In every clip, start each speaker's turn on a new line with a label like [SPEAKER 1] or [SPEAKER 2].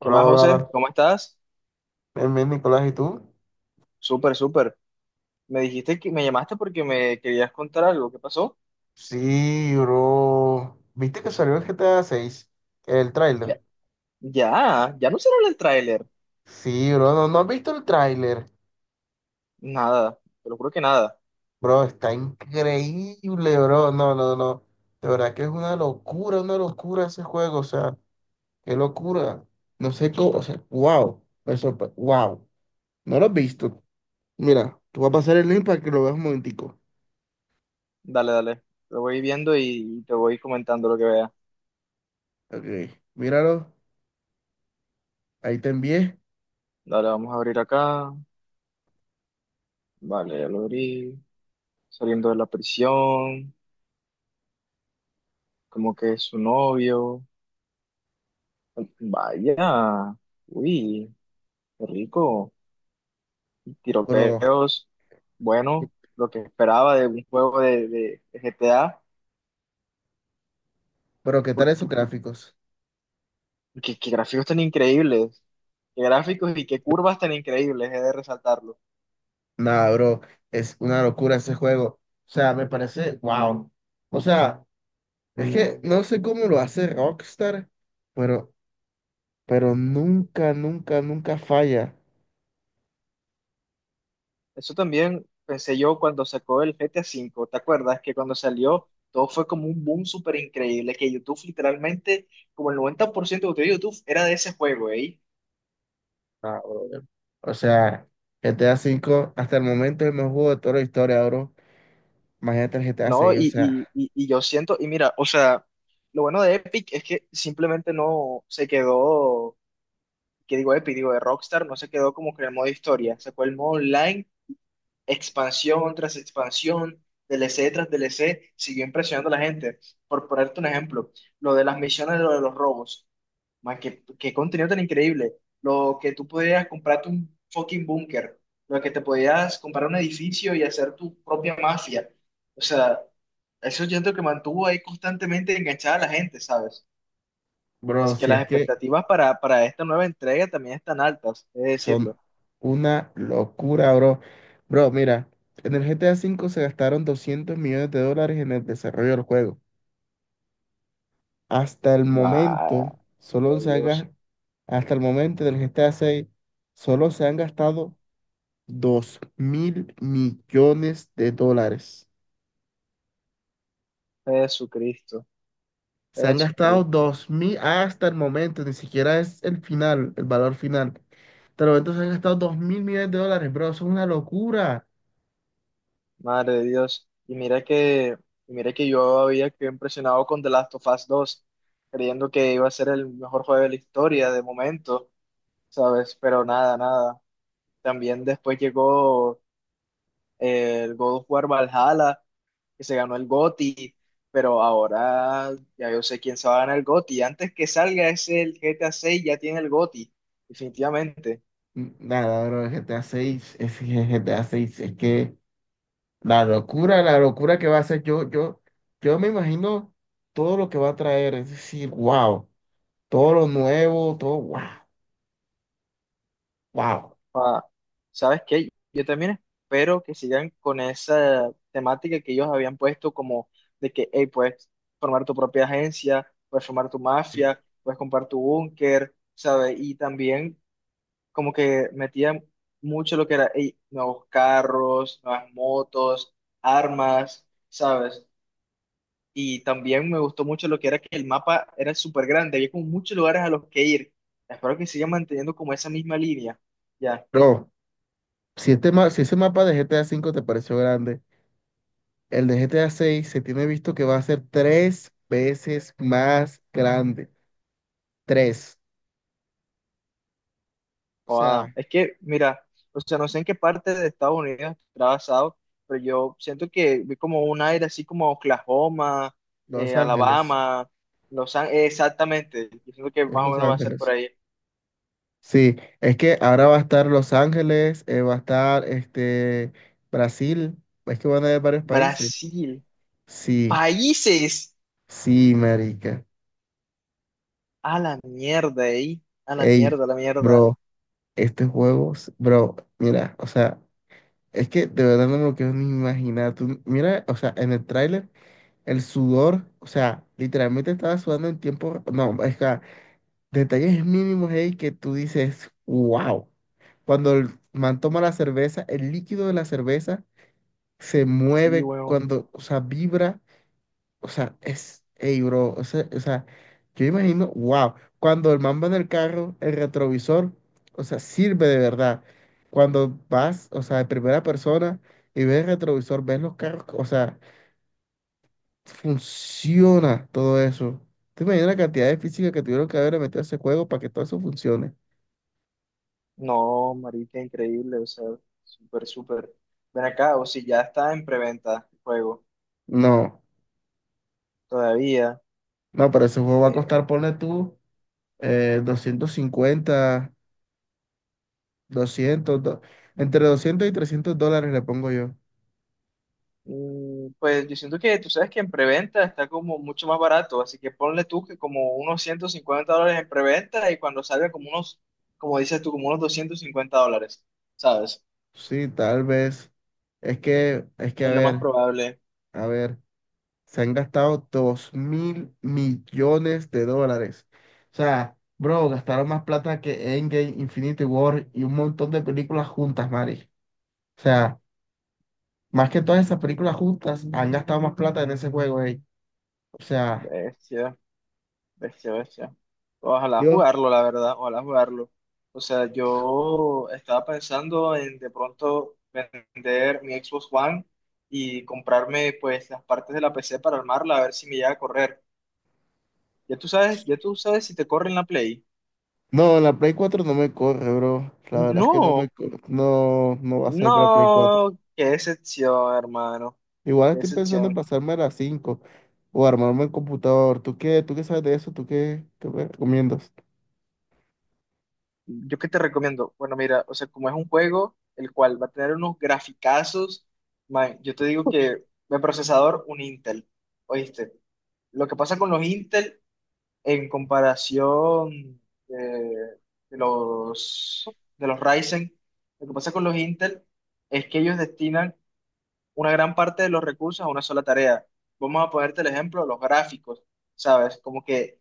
[SPEAKER 1] ¿Qué más, José?
[SPEAKER 2] hola.
[SPEAKER 1] ¿Cómo estás?
[SPEAKER 2] Bien, bien, Nicolás, ¿y tú?
[SPEAKER 1] Súper, súper. Me dijiste que me llamaste porque me querías contar algo. ¿Qué pasó?
[SPEAKER 2] Sí, bro. ¿Viste que salió el GTA seis, el tráiler?
[SPEAKER 1] Ya, ya, ya no se habla el tráiler.
[SPEAKER 2] Sí, bro. No, ¿no has visto el tráiler?
[SPEAKER 1] Nada, te lo juro que nada.
[SPEAKER 2] Bro, está increíble, bro. No, no, no. De verdad que es una locura ese juego. O sea, qué locura. No sé cómo, o sea, wow. Wow. No lo has visto. Mira, tú vas a pasar el link para que lo veas un momentico.
[SPEAKER 1] Dale, dale. Lo voy viendo y te voy comentando lo que vea.
[SPEAKER 2] Ok, míralo. Ahí te envié.
[SPEAKER 1] Dale, vamos a abrir acá. Vale, ya lo abrí. Saliendo de la prisión. Como que es su novio. Vaya. Uy, qué rico.
[SPEAKER 2] Bro,
[SPEAKER 1] Tiroteos. Bueno, lo que esperaba de un juego de GTA.
[SPEAKER 2] pero ¿qué tal esos gráficos?
[SPEAKER 1] Qué gráficos tan increíbles. Qué gráficos y qué curvas tan increíbles, he de resaltarlo.
[SPEAKER 2] Nada, bro, es una locura ese juego. O sea, me parece, wow. O sea, es que no sé cómo lo hace Rockstar, pero, pero nunca, nunca, nunca falla.
[SPEAKER 1] Eso también pensé yo cuando sacó el GTA 5. ¿Te acuerdas que cuando salió todo fue como un boom súper increíble? Que YouTube literalmente, como el 90% de contenido de YouTube era de ese juego, ¿eh?
[SPEAKER 2] Nah, brother. O sea, GTA cinco hasta el momento es el mejor juego de toda la historia, bro. Imagínate el GTA
[SPEAKER 1] ¿No?
[SPEAKER 2] 6, o
[SPEAKER 1] Y,
[SPEAKER 2] sea,
[SPEAKER 1] y, y, y yo siento, y mira, o sea, lo bueno de Epic es que simplemente no se quedó, que digo Epic, digo de Rockstar, no se quedó como que en el modo historia. Sacó el modo online expansión tras expansión, D L C tras D L C siguió impresionando a la gente. Por ponerte un ejemplo, lo de las misiones, lo de los robos. Man, qué contenido tan increíble. Lo que tú podías comprarte un fucking búnker, lo que te podías comprar un edificio y hacer tu propia mafia. O sea, eso siento que mantuvo ahí constantemente enganchada a la gente, ¿sabes?
[SPEAKER 2] bro,
[SPEAKER 1] Así que
[SPEAKER 2] si
[SPEAKER 1] las
[SPEAKER 2] es que
[SPEAKER 1] expectativas para esta nueva entrega también están altas, es
[SPEAKER 2] son
[SPEAKER 1] decirlo.
[SPEAKER 2] una locura, bro. Bro, mira, en el GTA cinco se gastaron 200 millones de dólares en el desarrollo del juego. Hasta el
[SPEAKER 1] Vaya.
[SPEAKER 2] momento, solo se ha
[SPEAKER 1] Dios,
[SPEAKER 2] gas- hasta el momento del GTA 6, solo se han gastado 2 mil millones de dólares.
[SPEAKER 1] Jesucristo.
[SPEAKER 2] Se han gastado
[SPEAKER 1] Jesucristo,
[SPEAKER 2] dos mil hasta el momento, ni siquiera es el final, el valor final. Hasta el momento se han gastado 2 mil millones de dólares, bro, eso es una locura.
[SPEAKER 1] madre de Dios. Y mira que yo había quedado impresionado con The Last of Us 2, creyendo que iba a ser el mejor juego de la historia de momento, ¿sabes? Pero nada, nada. También después llegó el God of War Valhalla, que se ganó el GOTY, pero ahora ya yo sé quién se va a ganar el GOTY. Antes que salga ese el GTA 6 ya tiene el GOTY, definitivamente.
[SPEAKER 2] Nada, bro, el GTA 6, es que el GTA 6, es que la locura que va a ser, yo me imagino todo lo que va a traer, es decir, wow. Todo lo nuevo, todo, wow, wow.
[SPEAKER 1] Ah, ¿sabes qué? Yo también espero que sigan con esa temática que ellos habían puesto como de que, hey, puedes formar tu propia agencia, puedes formar tu mafia, puedes comprar tu búnker, ¿sabes? Y también como que metían mucho lo que era, hey, nuevos carros, nuevas motos, armas, ¿sabes? Y también me gustó mucho lo que era que el mapa era súper grande, había como muchos lugares a los que ir. Espero que sigan manteniendo como esa misma línea, ¿ya?
[SPEAKER 2] Bro, si ese mapa de GTA cinco te pareció grande, el de GTA seis se tiene visto que va a ser tres veces más grande. Tres. O
[SPEAKER 1] Joda.
[SPEAKER 2] sea,
[SPEAKER 1] Es que, mira, o sea, no sé en qué parte de Estados Unidos está basado, pero yo siento que vi como un aire así como Oklahoma,
[SPEAKER 2] Los Ángeles.
[SPEAKER 1] Alabama, Los Ángeles, exactamente. Yo siento que
[SPEAKER 2] Es
[SPEAKER 1] más o
[SPEAKER 2] Los
[SPEAKER 1] menos va a ser por
[SPEAKER 2] Ángeles.
[SPEAKER 1] ahí.
[SPEAKER 2] Sí, es que ahora va a estar Los Ángeles, va a estar este, Brasil, es que van a haber varios países.
[SPEAKER 1] Brasil,
[SPEAKER 2] Sí,
[SPEAKER 1] países,
[SPEAKER 2] sí, marica.
[SPEAKER 1] a la mierda, ahí, a la
[SPEAKER 2] Ey,
[SPEAKER 1] mierda, a la mierda.
[SPEAKER 2] bro, este juego, bro, mira, o sea. Es que de verdad no me lo quiero ni imaginar. Tú, mira, o sea, en el tráiler, el sudor, o sea, literalmente estaba sudando en tiempo. No, es que detalles mínimos ahí que tú dices, wow. Cuando el man toma la cerveza, el líquido de la cerveza se
[SPEAKER 1] Mm, sí,
[SPEAKER 2] mueve,
[SPEAKER 1] weón.
[SPEAKER 2] cuando, o sea, vibra. O sea, es, ey, bro, o sea, yo imagino, wow, cuando el man va en el carro, el retrovisor, o sea, sirve de verdad. Cuando vas, o sea, de primera persona y ves el retrovisor, ves los carros, o sea, funciona todo eso. ¿Te imaginas la cantidad de física que tuvieron que haber metido a ese juego para que todo eso funcione?
[SPEAKER 1] No, marica, increíble, o sea, súper, súper. Ven acá, o si ya está en preventa el juego,
[SPEAKER 2] No,
[SPEAKER 1] todavía.
[SPEAKER 2] no, pero ese juego va a
[SPEAKER 1] Eh,
[SPEAKER 2] costar, ponle tú, 250, 200, entre 200 y $300 le pongo yo.
[SPEAKER 1] Pues yo siento que tú sabes que en preventa está como mucho más barato, así que ponle tú que como unos 150 dólares en preventa y cuando salga como unos, como dices tú, como unos 250 dólares, ¿sabes?
[SPEAKER 2] Sí, tal vez. Es que,
[SPEAKER 1] Es lo más probable.
[SPEAKER 2] a ver, se han gastado dos mil millones de dólares. O sea, bro, gastaron más plata que Endgame, Infinity War y un montón de películas juntas, Mari. O sea, más que todas esas películas juntas, han gastado más plata en ese juego, ey. O sea,
[SPEAKER 1] Bestia, bestia, bestia. Ojalá
[SPEAKER 2] yo,
[SPEAKER 1] jugarlo, la verdad, ojalá jugarlo. O sea, yo estaba pensando en de pronto vender mi Xbox One y comprarme pues las partes de la PC para armarla, a ver si me llega a correr. Ya tú sabes si te corre en la Play.
[SPEAKER 2] no, la Play cuatro no me corre, bro. La verdad es que no me
[SPEAKER 1] No,
[SPEAKER 2] corre. No, no va a salir para Play.
[SPEAKER 1] no, qué excepción, hermano.
[SPEAKER 2] Igual
[SPEAKER 1] Qué
[SPEAKER 2] estoy pensando en
[SPEAKER 1] excepción.
[SPEAKER 2] pasarme a las 5 o armarme el computador. ¿Tú qué? ¿Tú qué sabes de eso? ¿Tú qué me recomiendas?
[SPEAKER 1] ¿Yo qué te recomiendo? Bueno, mira, o sea, como es un juego el cual va a tener unos graficazos, man, yo te digo que de procesador, un Intel. ¿Oíste? Lo que pasa con los Intel en comparación de, de los, de los Ryzen, lo que pasa con los Intel es que ellos destinan una gran parte de los recursos a una sola tarea. Vamos a ponerte el ejemplo, los gráficos, ¿sabes? Como que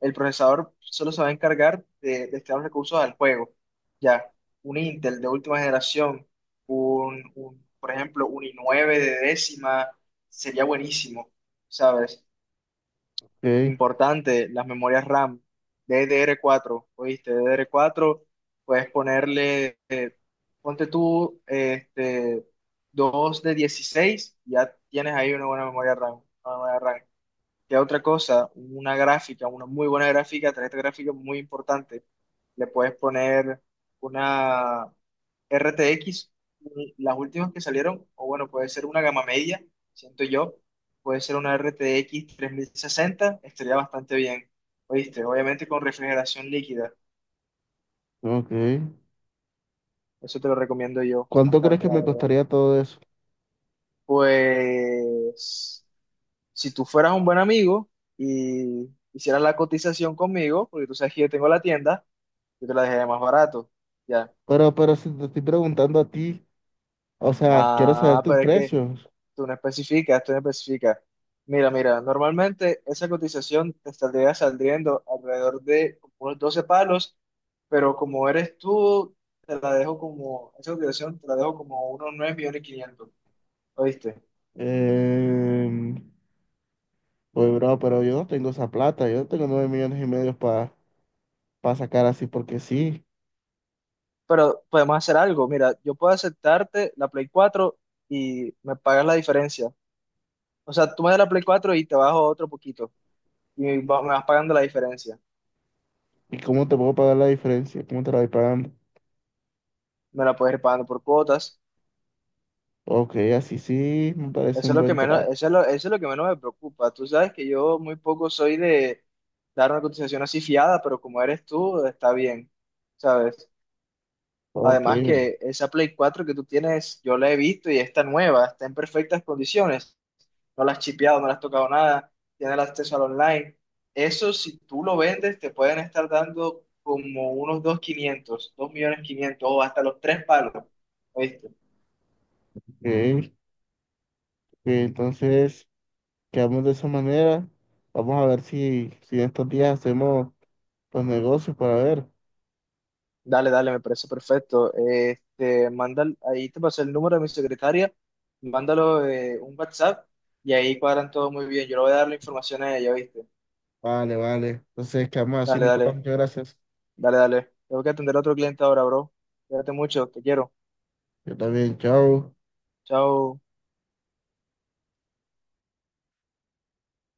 [SPEAKER 1] el procesador solo se va a encargar de destinar los recursos al juego. Ya, un Intel de última generación, por ejemplo, un i9 de décima, sería buenísimo, ¿sabes?
[SPEAKER 2] Ok,
[SPEAKER 1] Importante, las memorias RAM, DDR4. ¿Oíste? DDR4, puedes ponerle, ponte tú, este, 2 de 16, ya tienes ahí una buena memoria RAM, una memoria RAM. ¿Qué otra cosa? Una gráfica, una muy buena gráfica, tarjeta gráfica muy importante. Le puedes poner una RTX, las últimas que salieron, o bueno, puede ser una gama media, siento yo. Puede ser una RTX sesenta estaría bastante bien. ¿Oíste? Obviamente con refrigeración líquida.
[SPEAKER 2] ok.
[SPEAKER 1] Eso te lo recomiendo yo
[SPEAKER 2] ¿Cuánto crees
[SPEAKER 1] bastante,
[SPEAKER 2] que
[SPEAKER 1] la
[SPEAKER 2] me
[SPEAKER 1] verdad.
[SPEAKER 2] costaría todo eso?
[SPEAKER 1] Pues, si tú fueras un buen amigo y hicieras la cotización conmigo, porque tú sabes que yo tengo la tienda, yo te la dejé más barato. Ya.
[SPEAKER 2] Pero si te estoy preguntando a ti, o sea, quiero saber
[SPEAKER 1] Ah,
[SPEAKER 2] tus
[SPEAKER 1] pero es que
[SPEAKER 2] precios.
[SPEAKER 1] tú no especificas, tú no especificas. Mira, mira, normalmente esa cotización te estaría saliendo alrededor de como unos 12 palos, pero como eres tú, te la dejo como, esa cotización te la dejo como unos 9.500.000, ¿oíste?
[SPEAKER 2] Eh, pues, bro, pero yo no tengo esa plata. Yo no tengo 9 millones y medio para sacar así porque sí.
[SPEAKER 1] Pero podemos hacer algo, mira, yo puedo aceptarte la Play cuatro y me pagas la diferencia. O sea, tú me das la Play cuatro y te bajo otro poquito y me vas pagando la diferencia.
[SPEAKER 2] ¿Y cómo te puedo pagar la diferencia? ¿Cómo te la voy pagando?
[SPEAKER 1] Me la puedes ir pagando por cuotas.
[SPEAKER 2] Ok, así sí, me parece
[SPEAKER 1] Eso es
[SPEAKER 2] un
[SPEAKER 1] lo que
[SPEAKER 2] buen
[SPEAKER 1] menos,
[SPEAKER 2] trato.
[SPEAKER 1] eso es lo que menos me preocupa. Tú sabes que yo muy poco soy de dar una cotización así fiada, pero como eres tú, está bien, ¿sabes?
[SPEAKER 2] Ok,
[SPEAKER 1] Además que esa Play cuatro que tú tienes, yo la he visto y está nueva, está en perfectas condiciones. No la has chipeado, no la has tocado nada, tiene el acceso al online. Eso, si tú lo vendes, te pueden estar dando como unos 2.500, 2.500.000 o hasta los tres palos, ¿oíste?
[SPEAKER 2] ok. Entonces, quedamos de esa manera. Vamos a ver si en estos días hacemos los negocios para ver.
[SPEAKER 1] Dale, dale, me parece perfecto. Este, manda, ahí te pasé el número de mi secretaria, mándalo un WhatsApp y ahí cuadran todo muy bien. Yo le voy a dar la información a ella, ¿viste?
[SPEAKER 2] Vale, vale. Entonces, quedamos así,
[SPEAKER 1] Dale,
[SPEAKER 2] Nicolás.
[SPEAKER 1] dale,
[SPEAKER 2] Muchas gracias.
[SPEAKER 1] dale, dale. Tengo que atender a otro cliente ahora, bro. Cuídate mucho, te quiero.
[SPEAKER 2] Yo también, chao.
[SPEAKER 1] Chao.